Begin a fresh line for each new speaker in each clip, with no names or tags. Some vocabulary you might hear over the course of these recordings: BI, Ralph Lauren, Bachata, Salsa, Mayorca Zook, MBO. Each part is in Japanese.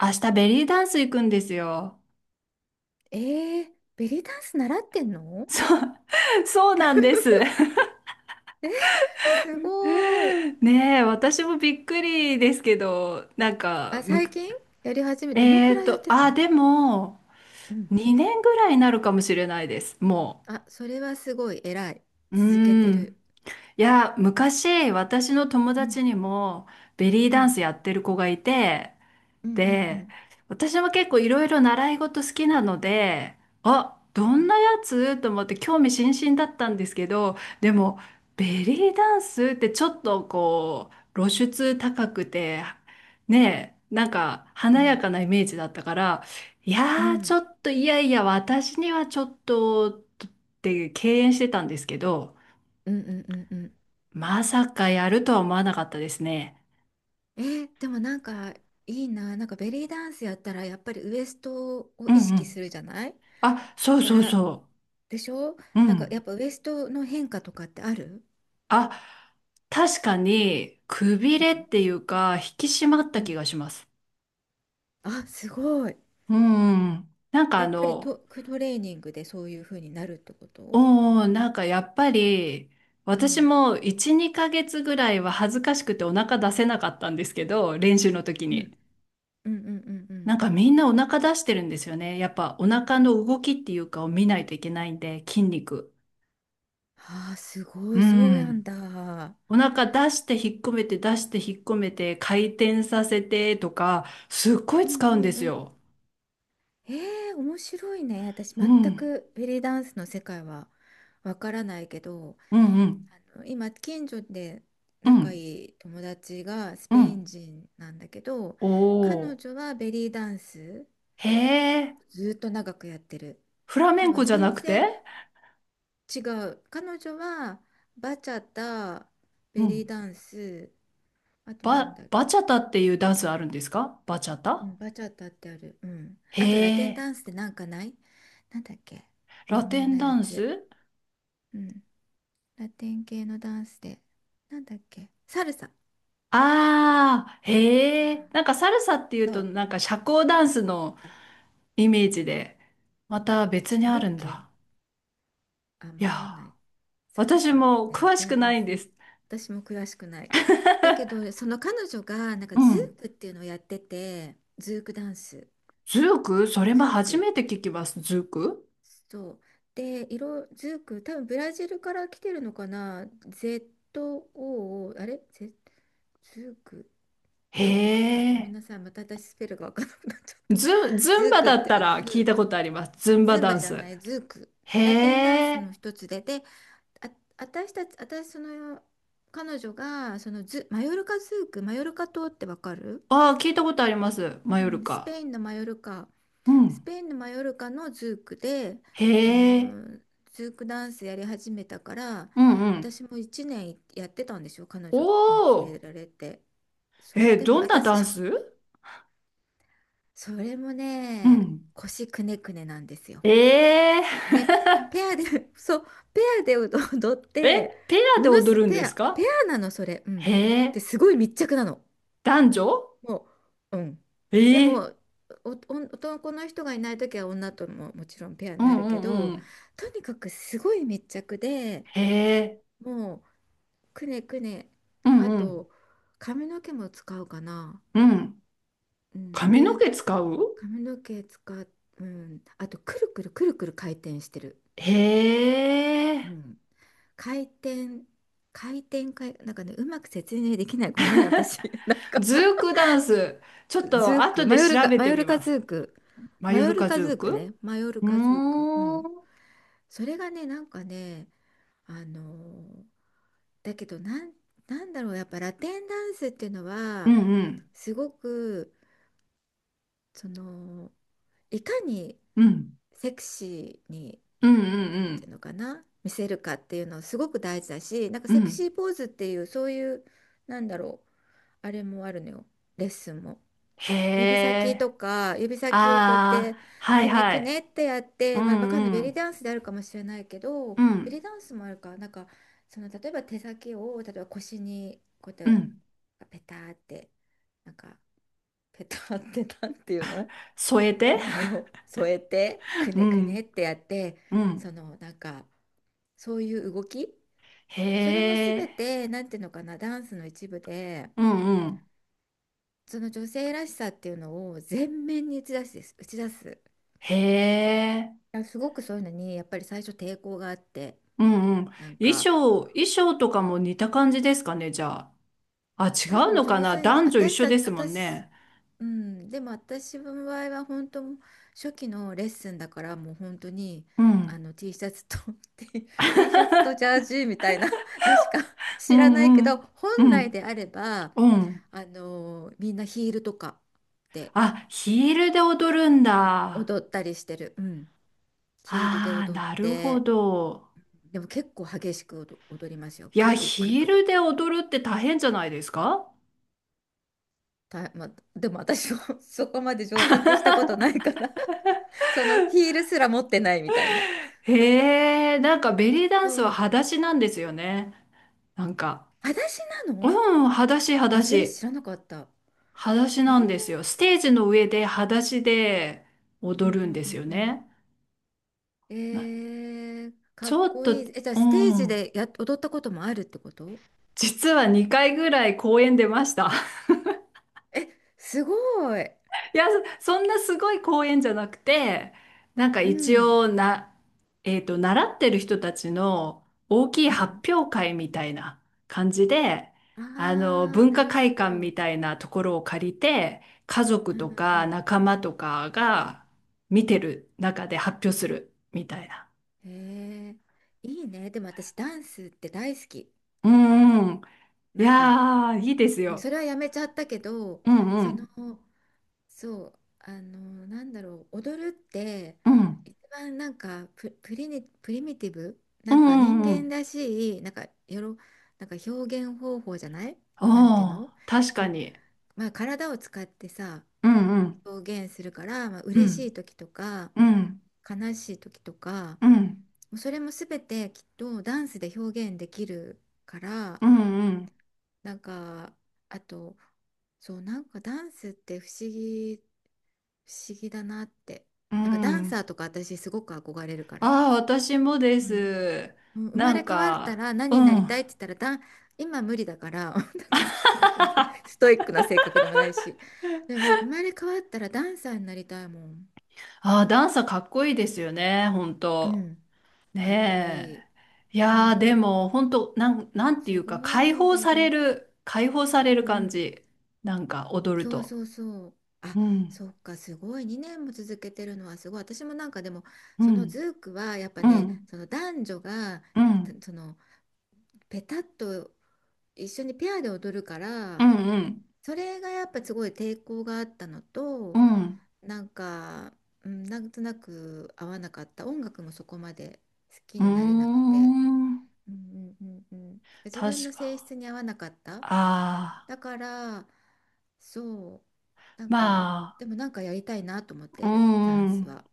明日ベリーダンス行くんですよ。
えー、ベリーダンス習ってんの？
そう、そうなんです。
え、すごーい。
ねえ、私もびっくりですけど、なんか、
あ、
む
最
く、
近やり始め、どの
え
く
ー
らいやっ
と、
てる
あ、
の？
でも、
うん。
2年ぐらいになるかもしれないです、も
あ、それはすごい偉い。
う。う
続け
ー
て
ん。
る。
いや、昔、私の友
うん、
達にも、ベリー
う
ダン
ん、
スやってる子がいて、
うんうんう
で、
ん
私も結構いろいろ習い事好きなので、あ、ど
う
ん
ん
なやつと思って興味津々だったんですけど、でも、ベリーダンスってちょっとこう、露出高くて、ねえ、なんか
う
華や
ん
かなイメージだったから、い
う
やー、ちょ
ん
っといやいや、私にはちょっと、って敬遠してたんですけど、
うんうんうんうん。
まさかやるとは思わなかったですね。
えー、でもなんかいいな。なんかベリーダンスやったらやっぱりウエストを
うん
意
う
識す
ん。
るじゃない？
あ、
だ
そう
か
そう
ら、
そ
でしょ？
う。う
なんか
ん。
やっぱウエストの変化とかってある？
あ、確かに、くび
う
れ
ん
っていうか、引き締まった
う
気
ん。
がします。
あ、すごい。
うん。なんか
や
あ
っぱり
の、
ト、クトレーニングでそういう風になるってこと？
なんかやっぱり、
う
私
ん。
も1、2ヶ月ぐらいは恥ずかしくてお腹出せなかったんですけど、練習の時
うん。
に。
うんうんうんう
な
ん。
んかみんなお腹出してるんですよね。やっぱお腹の動きっていうかを見ないといけないんで、筋肉。
ああ、すごい、
う
そうやん
ん。
だ。
お腹出して引っ込めて出して引っ込めて回転させてとか、すっごい
うん
使
う
うんで
ん
す
うん。
よ。
ええ、面白いね。私、
う
全
ん。
くベリーダンスの世界はわからないけど、
うんうん
今、近所で
う
仲
ん
いい友達がス
う
ペイ
ん。
ン人なんだけど、
お
彼
お
女はベリーダンス
ー。へえ。
ずっと長くやってる。
フラメ
多
ンコ
分
じゃな
先
く
生、
て？
違う。彼女はバチャタ、
う
ベリー
ん。
ダンス、あとなんだっ
バ
け。
チャタっていうダンスあるんですか？バチャ
う
タ？
ん、バチャタってある。うん。
へ
あとラテン
え。
ダンスってなんかない？なんだっけ。有
ラテ
名
ン
な
ダ
や
ン
つ。
ス？
うん。ラテン系のダンスで。なんだっけ。サルサ。
ああー。
う
へえ。
ん、
なんかサルサっていう
そ
と
う。
なんか社交ダンスの
あ、
イメージで、また
あ、
別
違
にあ
うっ
るん
け？
だ？
あ、
い
わ
や
かん
ー、
ない。サル
私
サっ
も
てラ
詳し
テ
く
ンダ
な
ン
いん
ス。
です。
私も詳しくない。だけど、その彼女がなんか
う
ズ
ん。
ークっていうのをやってて、ズークダンス。
ズーク？それも
ズー
初め
ク。
て聞きます。ズーク？
そう。で、色、ズーク、多分ブラジルから来てるのかな？ ZOO、あれ？ Z、ズーク、
へ
どうやって書くの？ごめんな
え。
さい。また私スペルがわからなくなっちゃった。
ズ
ズ
ン
ー
バ
クっ
だった
て、
ら聞い
ズー
たこ
ク。
とあります。ズンバ
ズン
ダ
バ
ン
じ
ス。
ゃない、ズーク。
へ
ラテンダンス
え。
の一つで、あ、私たち、私、その、彼女が、そのズ、マヨルカズーク、マヨルカ島ってわかる？
ああ、聞いたことあります。マ
う
ヨル
ん、ス
カ。
ペインのマヨルカ。
う
ス
ん。
ペインのマヨルカのズークで、
へ
あ
え。
のズークダンスやり始めたから、
うんうん。
私も1年やってたんですよ、彼
お
女に連れ
お。
られて。そう
えー、
でも
どんな
私
ダン
そ、
ス？
それも
う
ね、
ん。
腰くねくねなんですよ。
ええ。
で、 ペアで、 そう、ペアで踊って、
え、ペアで
ものす
踊るん
ペ
で
ア
す
ペ
か？
アなのそれ。う
へ
ん。
え。
ですごい密着なの、
男女？
もう、うん。
え
で
え。
も、お、お、男の人がいない時は女とももちろんペア
う
にな
ん
る
う
け
んう
ど、
ん。
とにかくすごい密着で、
へえ。
もうくねくね、
うん
あ
うん。
と髪の毛も使うかな。
うん。
うん、
髪の
で、
毛使う？
髪の毛使う、うん、あとくるくるくるくる回転してる。
へ
う
え。
ん、回転、回転、回、なんかね、うまく説明できない。ごめん、私。なんか、
ズークダンス。ちょっと
ズー
後
ク、マ
で
ヨル
調
カ、
べ
マ
て
ヨ
み
ルカ
ま
ズ
す。
ーク、
マ
マ
ヨ
ヨ
ル
ル
カズ
カズ
ー
ーク
ク。
ね、マヨル
うー
カズーク、う
ん。
ん。
うん
それがね、なんかね、あのーだけどなん、なんだろう、やっぱラテンダンスっていうの
う
は、
ん
すごく、その、いかに
うん。うん。
セクシーに、
うん
なん
う
ていう
ん
のかな、見せるかっていうのすごく大事だし、なんか
うん。
セ
う
ク
ん。
シーポーズっていう、そういう、なんだろう、あれもあるのよ、レッスンも。
へ
指先と
え。
か指先をこうやっ
あ
て
あ、はい
くね
は
くね
い。
ってやっ
う
て、まあ、バカのベ
ん
リー
う
ダンスであるかもしれないけど、
ん。う
ベリ
ん。
ーダンスもあるかなんか、その、例えば手先を例えば腰にこう
う
やって
ん。
ペターってなんか、ペターってなんていうの、
添えて。
添えてく
う
ねく
ん。
ねってやって、
う
そ
ん。
のなんか、そういう動き、
へ
それも
え。
全てなんていうのかな、ダンスの一部で、
うんうん。
その女性らしさっていうのを全面に打ち出すです、打ち出す。
へえ。
や、すごくそういうのにやっぱり最初抵抗があって、
うんうん。
なん
衣
か、
装、衣装とかも似た感じですかね、じゃあ。あ、違
多
う
分
のか
上
な？
手に
男女一
私
緒
た
で
ち、
すもん
私、
ね。
うん、でも私の場合は本当、初期のレッスンだからもう本当に
うん。
T シャツと T、 T シャツとジャージみたいなのしか
う
知らない
ん
け
う
ど、
ん。
本
う
来
ん。
であれば
うん。
みんなヒールとかで
あ、ヒールで踊るんだ。
踊ったりしてる、うん、ヒールで
ああ、
踊っ
なるほ
て。
ど。
でも結構激しく踊、踊りますよ、
い
く
や、
るくるくる
ヒー
く
ル
る。
で踊るって大変じゃないですか？
た、まあ、でも私も そこまで上達したことないから、 そのヒールすら持ってないみたいな。
へえ、なんかベリーダンスは
そう。
裸足なんですよね。なんか。
裸足な
う
の？
ん、裸足、裸
あ、それ
足。
知らなかった。
裸足
えー、
なんですよ。ステージの上で裸足で
うん
踊る
う
んで
んう
すよ
んうん。
ね。
え
な
ー、か
ち
っ
ょっ
こ
と、
いい。え、じゃあ
う
ステージ
ん。
でや、踊ったこともあるってこと？
実は2回ぐらい公演出ました。
え、すごい。
いや、そんなすごい公演じゃなくて、なんか
う
一
ん。
応な、習ってる人たちの大きい
うん。
発表会みたいな感じで、あの、
ああ、
文
な
化
るほ
会館み
ど。
たいなところを借りて、家族
うん
と
う
か
ん
仲間とか
うん。うん。
が見てる中で発表するみたいな。
へえ、いいね。でも私ダンスって大好き。
うんうん。い
なんか、
やー、いいです
そ
よ。
れはやめちゃったけど、
うんう
その、
ん。
そう、なんだろう、踊るって
うん。
一番なんか、プ、プリニ、プリミティブ、
う
なんか
ん
人
うんう
間
ん。
らしい、なんかよろ、なんか表現方法じゃない？
お
なんていう
ー、
の、
確か
う、
に。
まあ、体を使ってさ、
うんうん。
表現するから、まあ
う
嬉し
ん。
い時とか
うん。
悲しい時とか、
うん。
もうそれも全てきっとダンスで表現できるから。
うんうん。
なんか、あと、そう、なんかダンスって不思議、不思議だなって。
う
なんかダン
ん。
サーとか私すごく憧れるから。
ああ、私もで
うん。
す。
うん、生ま
な
れ
ん
変わった
か、
ら
うん。
何になりたいって
あ
言ったらダン、今無理だから 全然ストイックな性格でもないし。でも生まれ変わったらダンサーになりたいもん。
あ、ダンサーかっこいいですよね、本
う
当。
ん。かっこ
ね
いい。
え。いやー、でも、本当なん、なんてい
す
うか、
ご
解
い
放
ベ
さ
リ
れ
ー。
る、解放され
う
る感
ん、
じ。なんか、踊る
そう
と。
そうそう。あ、
うん、
そっか、すごい。2年も続けてるのはすごい。私もなんかでも、
う
その
ん、
ズークはやっぱ
う
ね、
ん、
その男女が、
う
た
ん、
その、ペタッと一緒にペアで踊るか
う
ら、
ん、うん、
それがやっぱすごい抵抗があったの
う
と、
ん。
なんか、うん、なんとなく合わなかった。音楽もそこまで好き
う
になれなく
ー
て。
ん。
うんうんうんうん、自分
確
の性
か。
質に合わなかった。
ああ、
だから、そう、なん
ま
か、
あ、
でもなんかやりたいなと思っ
う
てるダ
ん、
ン
う
ス
ん。
は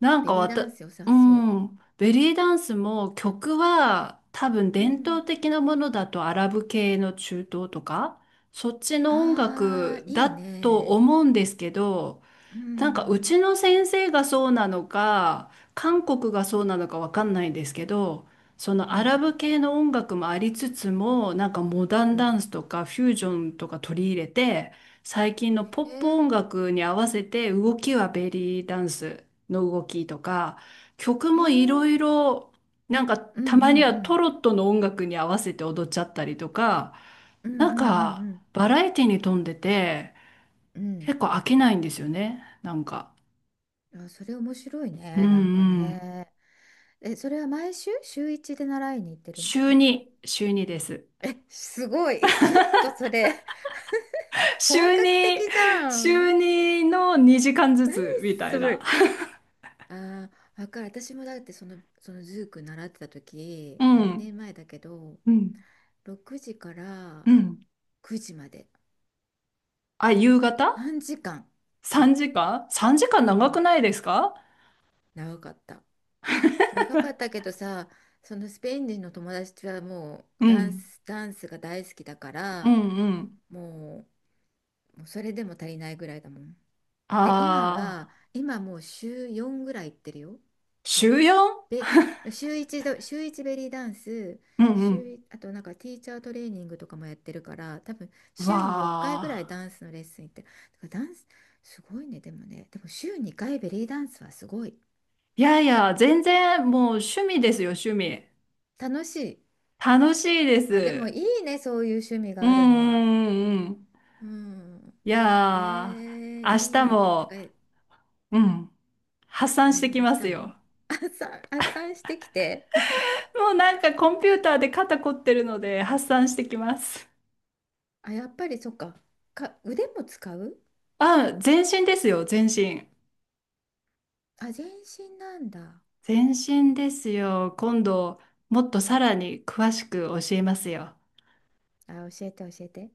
なん
ベ
か
リー
わ
ダ
た、
ンス良さ
う
そ
ん、ベリーダンスも曲は多分
う、う
伝
ん、
統的なものだとアラブ系の中東とか、そっちの音
ああ
楽
い
だ
い
と
ね、
思うんですけど、
う
なんかう
ん、
ちの先生がそうなのか、韓国がそうなのかわかんないんですけど、その
うんう
アラ
ん
ブ系の音楽もありつつも、なんかモダン
う
ダ
ん
ンスとかフュージョンとか取り入れて、最近のポッ
へ
プ音
え
楽に合わせて動きはベリーダンスの動きとか、曲
へ
もいろ
え
いろ、なんか
うんうんう
たまにはト
ん
ロットの音楽に合わせて踊っちゃったりとか、
うんう
な
ん
んか
うん
バラエティに富んでて
うん
結構飽きないんですよね、なんか。
うん。あ、それ面白い
うん
ね、なんか
うん。
ね。え、それは毎週週一で習いに行ってる
週
の？
2、週2です。
え、すごい。え、ちょっとそれ 本
週
格
に、
的じゃ
週
ん。
にの2時間ず
何
つみた
そ
いな。
れ。ああ、わかる。私もだって、その、そのズーク習ってた
う
時、まあ、2
ん、
年前だけど、
うん、
6時から
うん。
9時まで。
あ、夕方？
3時間。そ
3
う。
時間？ 3 時間
う
長く
ん、
ないですか？
長かった。長かったけどさ、そのスペイン人の友達はもう
う
ダン
ん、
ス、ダンスが大好きだか
うん、
ら、
うん。
もう、もうそれでも足りないぐらいだもん。で、今は、
ああ、
今もう週4ぐらい行ってるよ。いろん
週 4？
で、週1ど、週1ベリーダンス、
うん、う
週
ん。
い、あとなんかティーチャートレーニングとかもやってるから、多分
う
週に4回
わ
ぐらい
あ。
ダンスのレッスン行ってる。だからダンス、すごいね、でもね、でも週2回ベリーダンスはすごい。
いやいや、全然もう趣味ですよ、趣味。
楽しい。
楽しいで
あ、でもい
す。
いね、そういう趣味
う
が
ん、
あるのは。
うん、うん。うん。
うん。
い
え
や
ー、
ー、明日
いい。だか
も、
ら、
うん。発散して
何、
き
明
ま
日
すよ。
も 朝、朝してきて。
もうなんかコンピューターで肩凝ってるので発散してきます。
あ、やっぱりそっか。か、腕も使う？
あ、全身ですよ、全身。
あ、全身なんだ。
全身ですよ。今度、もっとさらに詳しく教えますよ。
あ、教えて教えて。